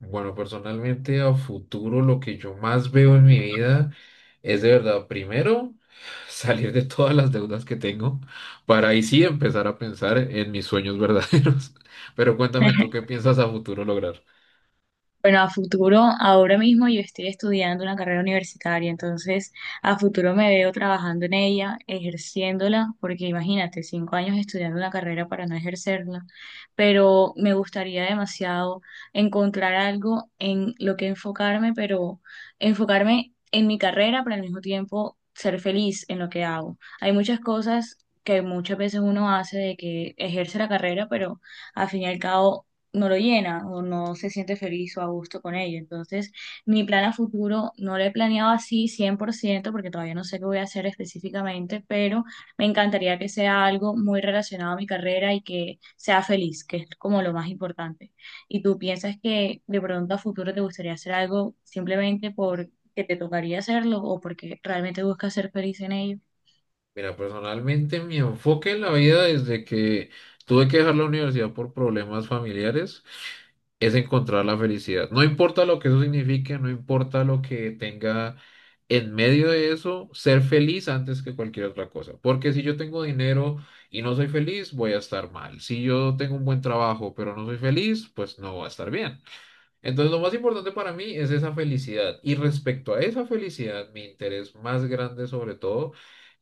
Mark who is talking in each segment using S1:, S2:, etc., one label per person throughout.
S1: Bueno, personalmente a futuro lo que yo más veo en mi vida es de verdad, primero, salir de todas las deudas que tengo para ahí sí empezar a pensar en mis sueños verdaderos. Pero cuéntame tú qué piensas a futuro lograr.
S2: Bueno, a futuro, ahora mismo yo estoy estudiando una carrera universitaria, entonces a futuro me veo trabajando en ella, ejerciéndola, porque imagínate, 5 años estudiando una carrera para no ejercerla, pero me gustaría demasiado encontrar algo en lo que enfocarme, pero enfocarme en mi carrera, pero al mismo tiempo ser feliz en lo que hago. Hay muchas cosas que muchas veces uno hace de que ejerce la carrera, pero al fin y al cabo no lo llena o no se siente feliz o a gusto con ello. Entonces, mi plan a futuro no lo he planeado así 100% porque todavía no sé qué voy a hacer específicamente, pero me encantaría que sea algo muy relacionado a mi carrera y que sea feliz, que es como lo más importante. ¿Y tú piensas que de pronto a futuro te gustaría hacer algo simplemente porque te tocaría hacerlo o porque realmente buscas ser feliz en ello?
S1: Mira, personalmente mi enfoque en la vida desde que tuve que dejar la universidad por problemas familiares es encontrar la felicidad. No importa lo que eso signifique, no importa lo que tenga en medio de eso, ser feliz antes que cualquier otra cosa. Porque si yo tengo dinero y no soy feliz, voy a estar mal. Si yo tengo un buen trabajo, pero no soy feliz, pues no voy a estar bien. Entonces, lo más importante para mí es esa felicidad. Y respecto a esa felicidad, mi interés más grande sobre todo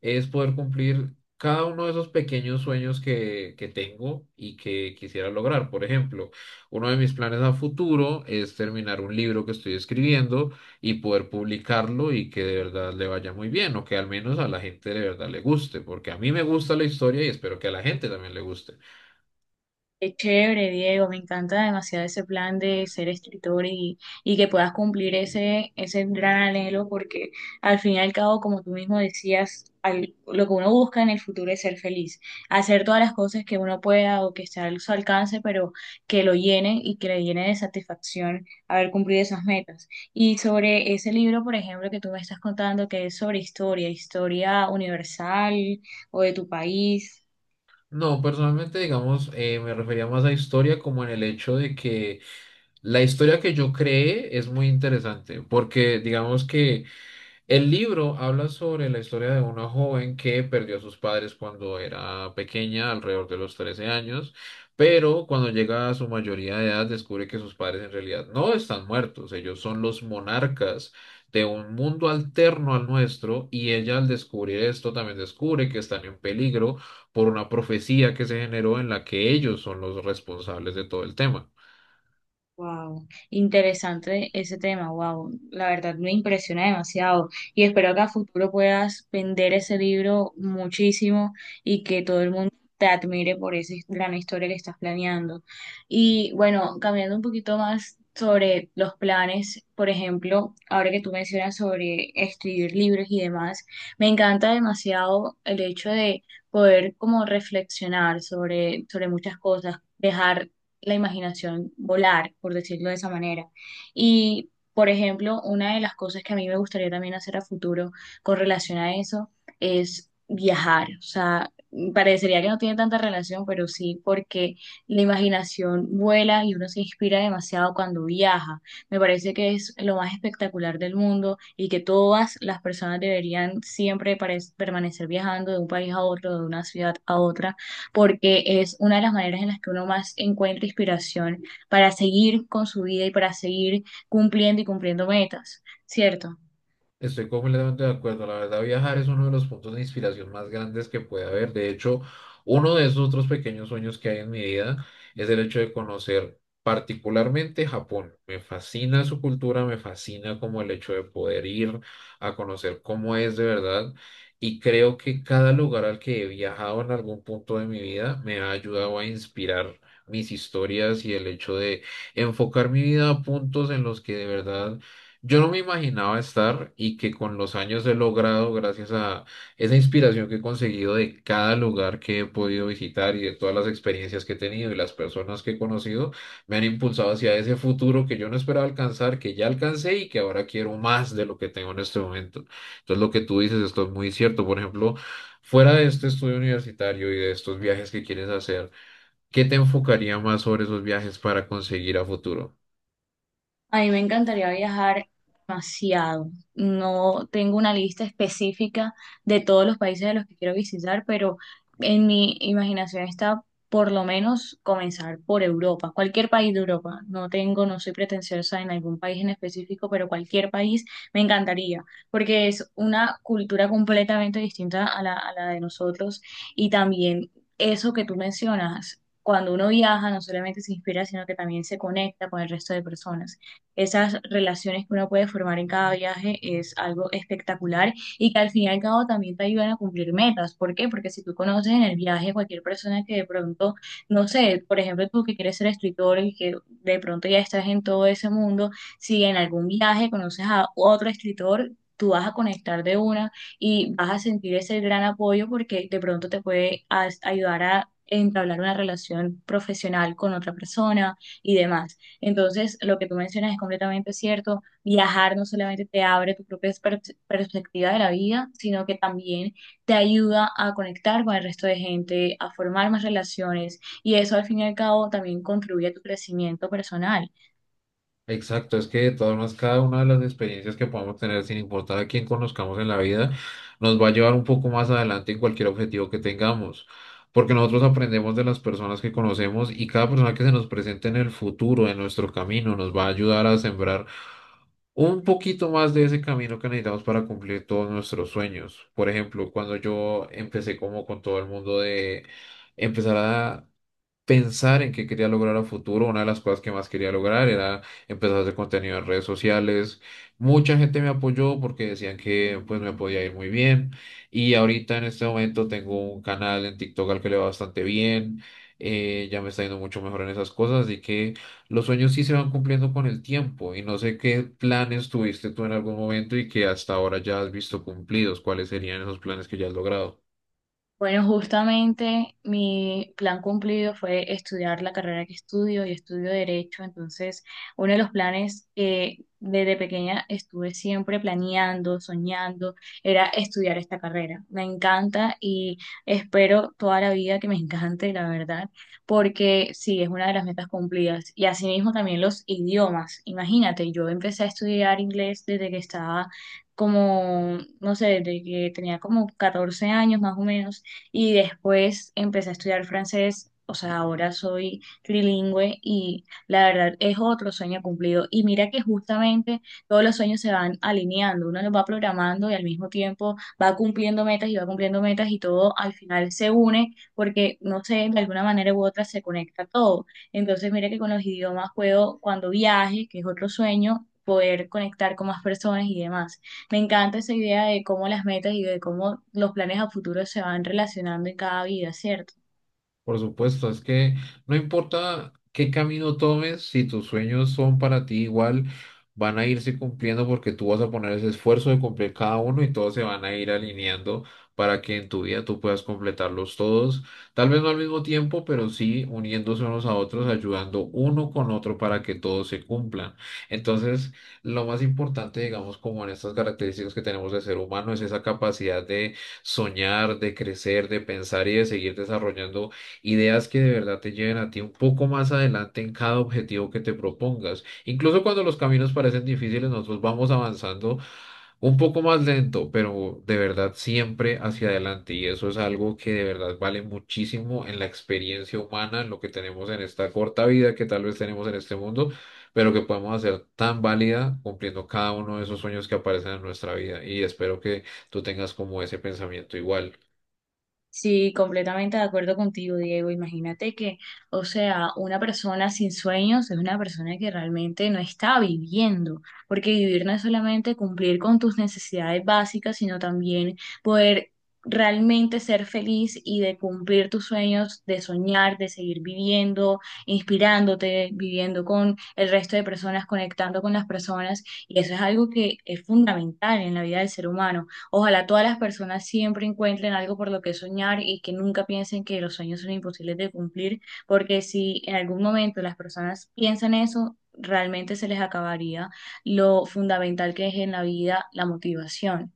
S1: es poder cumplir cada uno de esos pequeños sueños que tengo y que quisiera lograr. Por ejemplo, uno de mis planes a futuro es terminar un libro que estoy escribiendo y poder publicarlo y que de verdad le vaya muy bien, o que al menos a la gente de verdad le guste, porque a mí me gusta la historia y espero que a la gente también le guste.
S2: Qué chévere, Diego, me encanta demasiado ese plan de ser escritor y que puedas cumplir ese gran anhelo, porque al fin y al cabo, como tú mismo decías, lo que uno busca en el futuro es ser feliz, hacer todas las cosas que uno pueda o que esté a su alcance, pero que lo llene y que le llene de satisfacción haber cumplido esas metas. Y sobre ese libro, por ejemplo, que tú me estás contando, que es sobre historia, ¿historia universal o de tu país?
S1: No, personalmente, digamos, me refería más a historia como en el hecho de que la historia que yo creé es muy interesante, porque digamos que el libro habla sobre la historia de una joven que perdió a sus padres cuando era pequeña, alrededor de los 13 años, pero cuando llega a su mayoría de edad descubre que sus padres en realidad no están muertos, ellos son los monarcas de un mundo alterno al nuestro, y ella, al descubrir esto, también descubre que están en peligro por una profecía que se generó, en la que ellos son los responsables de todo el tema.
S2: Wow, interesante ese tema, wow, la verdad me impresiona demasiado y espero que a futuro puedas vender ese libro muchísimo y que todo el mundo te admire por esa gran historia que estás planeando. Y bueno, cambiando un poquito más sobre los planes, por ejemplo, ahora que tú mencionas sobre escribir libros y demás, me encanta demasiado el hecho de poder como reflexionar sobre muchas cosas, dejar la imaginación volar, por decirlo de esa manera. Y, por ejemplo, una de las cosas que a mí me gustaría también hacer a futuro con relación a eso es viajar. O sea, parecería que no tiene tanta relación, pero sí, porque la imaginación vuela y uno se inspira demasiado cuando viaja. Me parece que es lo más espectacular del mundo y que todas las personas deberían siempre permanecer viajando de un país a otro, de una ciudad a otra porque es una de las maneras en las que uno más encuentra inspiración para seguir con su vida y para seguir cumpliendo y cumpliendo metas, ¿cierto?
S1: Estoy completamente de acuerdo. La verdad, viajar es uno de los puntos de inspiración más grandes que puede haber. De hecho, uno de esos otros pequeños sueños que hay en mi vida es el hecho de conocer particularmente Japón. Me fascina su cultura, me fascina como el hecho de poder ir a conocer cómo es de verdad. Y creo que cada lugar al que he viajado en algún punto de mi vida me ha ayudado a inspirar mis historias, y el hecho de enfocar mi vida a puntos en los que de verdad yo no me imaginaba estar y que con los años he logrado, gracias a esa inspiración que he conseguido de cada lugar que he podido visitar y de todas las experiencias que he tenido y las personas que he conocido, me han impulsado hacia ese futuro que yo no esperaba alcanzar, que ya alcancé y que ahora quiero más de lo que tengo en este momento. Entonces, lo que tú dices, esto es muy cierto. Por ejemplo, fuera de este estudio universitario y de estos viajes que quieres hacer, ¿qué te enfocaría más sobre esos viajes para conseguir a futuro?
S2: A mí me encantaría viajar demasiado. No tengo una lista específica de todos los países de los que quiero visitar, pero en mi imaginación está por lo menos comenzar por Europa, cualquier país de Europa. No tengo, no soy pretenciosa en algún país en específico, pero cualquier país me encantaría, porque es una cultura completamente distinta a la de nosotros y también eso que tú mencionas. Cuando uno viaja, no solamente se inspira, sino que también se conecta con el resto de personas. Esas relaciones que uno puede formar en cada viaje es algo espectacular y que al fin y al cabo también te ayudan a cumplir metas. ¿Por qué? Porque si tú conoces en el viaje cualquier persona que de pronto, no sé, por ejemplo, tú que quieres ser escritor y que de pronto ya estás en todo ese mundo, si en algún viaje conoces a otro escritor, tú vas a conectar de una y vas a sentir ese gran apoyo porque de pronto te puede ayudar a entablar una relación profesional con otra persona y demás. Entonces, lo que tú mencionas es completamente cierto. Viajar no solamente te abre tu propia perspectiva de la vida, sino que también te ayuda a conectar con el resto de gente, a formar más relaciones y eso al fin y al cabo también contribuye a tu crecimiento personal.
S1: Exacto, es que de todas maneras cada una de las experiencias que podamos tener, sin importar a quién conozcamos en la vida, nos va a llevar un poco más adelante en cualquier objetivo que tengamos, porque nosotros aprendemos de las personas que conocemos, y cada persona que se nos presente en el futuro, en nuestro camino, nos va a ayudar a sembrar un poquito más de ese camino que necesitamos para cumplir todos nuestros sueños. Por ejemplo, cuando yo empecé como con todo el mundo de empezar a pensar en qué quería lograr a futuro, una de las cosas que más quería lograr era empezar a hacer contenido en redes sociales. Mucha gente me apoyó porque decían que pues me podía ir muy bien. Y ahorita en este momento tengo un canal en TikTok al que le va bastante bien. Ya me está yendo mucho mejor en esas cosas, así que los sueños sí se van cumpliendo con el tiempo. Y no sé qué planes tuviste tú en algún momento y que hasta ahora ya has visto cumplidos. ¿Cuáles serían esos planes que ya has logrado?
S2: Bueno, justamente mi plan cumplido fue estudiar la carrera que estudio y estudio Derecho. Entonces, uno de los planes que desde pequeña estuve siempre planeando, soñando, era estudiar esta carrera. Me encanta y espero toda la vida que me encante, la verdad, porque sí, es una de las metas cumplidas. Y asimismo también los idiomas. Imagínate, yo empecé a estudiar inglés desde que estaba como, no sé, desde que tenía como 14 años más o menos y después empecé a estudiar francés, o sea, ahora soy trilingüe y la verdad es otro sueño cumplido. Y mira que justamente todos los sueños se van alineando, uno los va programando y al mismo tiempo va cumpliendo metas y va cumpliendo metas y todo al final se une porque, no sé, de alguna manera u otra se conecta todo. Entonces, mira que con los idiomas puedo, cuando viaje, que es otro sueño, poder conectar con más personas y demás. Me encanta esa idea de cómo las metas y de cómo los planes a futuro se van relacionando en cada vida, ¿cierto?
S1: Por supuesto, es que no importa qué camino tomes, si tus sueños son para ti igual, van a irse cumpliendo, porque tú vas a poner ese esfuerzo de cumplir cada uno y todos se van a ir alineando para que en tu vida tú puedas completarlos todos, tal vez no al mismo tiempo, pero sí uniéndose unos a otros, ayudando uno con otro para que todos se cumplan. Entonces, lo más importante, digamos, como en estas características que tenemos de ser humano, es esa capacidad de soñar, de crecer, de pensar y de seguir desarrollando ideas que de verdad te lleven a ti un poco más adelante en cada objetivo que te propongas. Incluso cuando los caminos parecen difíciles, nosotros vamos avanzando un poco más lento, pero de verdad siempre hacia adelante. Y eso es algo que de verdad vale muchísimo en la experiencia humana, en lo que tenemos en esta corta vida que tal vez tenemos en este mundo, pero que podemos hacer tan válida cumpliendo cada uno de esos sueños que aparecen en nuestra vida. Y espero que tú tengas como ese pensamiento igual.
S2: Sí, completamente de acuerdo contigo, Diego. Imagínate que, o sea, una persona sin sueños es una persona que realmente no está viviendo, porque vivir no es solamente cumplir con tus necesidades básicas, sino también poder realmente ser feliz y de cumplir tus sueños, de soñar, de seguir viviendo, inspirándote, viviendo con el resto de personas, conectando con las personas. Y eso es algo que es fundamental en la vida del ser humano. Ojalá todas las personas siempre encuentren algo por lo que soñar y que nunca piensen que los sueños son imposibles de cumplir, porque si en algún momento las personas piensan eso, realmente se les acabaría lo fundamental que es en la vida la motivación.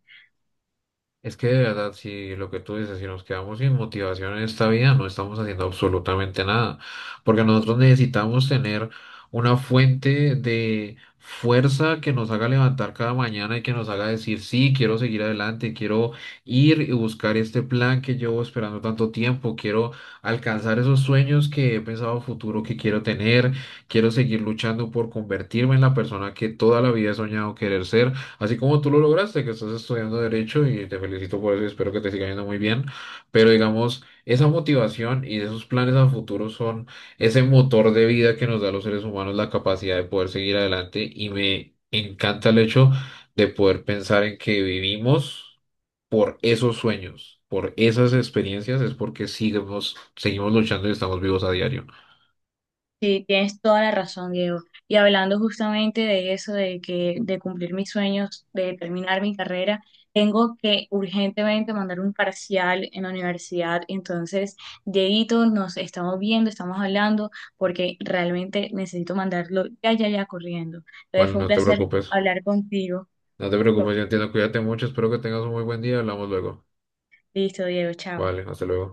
S1: Es que de verdad, si lo que tú dices, si nos quedamos sin motivación en esta vida, no estamos haciendo absolutamente nada, porque nosotros necesitamos tener una fuente de fuerza que nos haga levantar cada mañana y que nos haga decir, sí, quiero seguir adelante, quiero ir y buscar este plan que llevo esperando tanto tiempo, quiero alcanzar esos sueños que he pensado a futuro que quiero tener, quiero seguir luchando por convertirme en la persona que toda la vida he soñado querer ser. Así como tú lo lograste, que estás estudiando derecho, y te felicito por eso y espero que te siga yendo muy bien, pero digamos, esa motivación y esos planes a futuro son ese motor de vida que nos da a los seres humanos la capacidad de poder seguir adelante, y me encanta el hecho de poder pensar en que vivimos por esos sueños, por esas experiencias, es porque seguimos, seguimos luchando y estamos vivos a diario.
S2: Sí, tienes toda la razón, Diego. Y hablando justamente de eso, de que de cumplir mis sueños, de terminar mi carrera, tengo que urgentemente mandar un parcial en la universidad. Entonces, Dieguito, nos estamos viendo, estamos hablando, porque realmente necesito mandarlo ya, ya, ya corriendo. Entonces,
S1: Vale,
S2: fue un
S1: no te
S2: placer
S1: preocupes,
S2: hablar contigo.
S1: no te preocupes, yo entiendo, cuídate mucho, espero que tengas un muy buen día, hablamos luego.
S2: Listo, Diego, chao.
S1: Vale, hasta luego.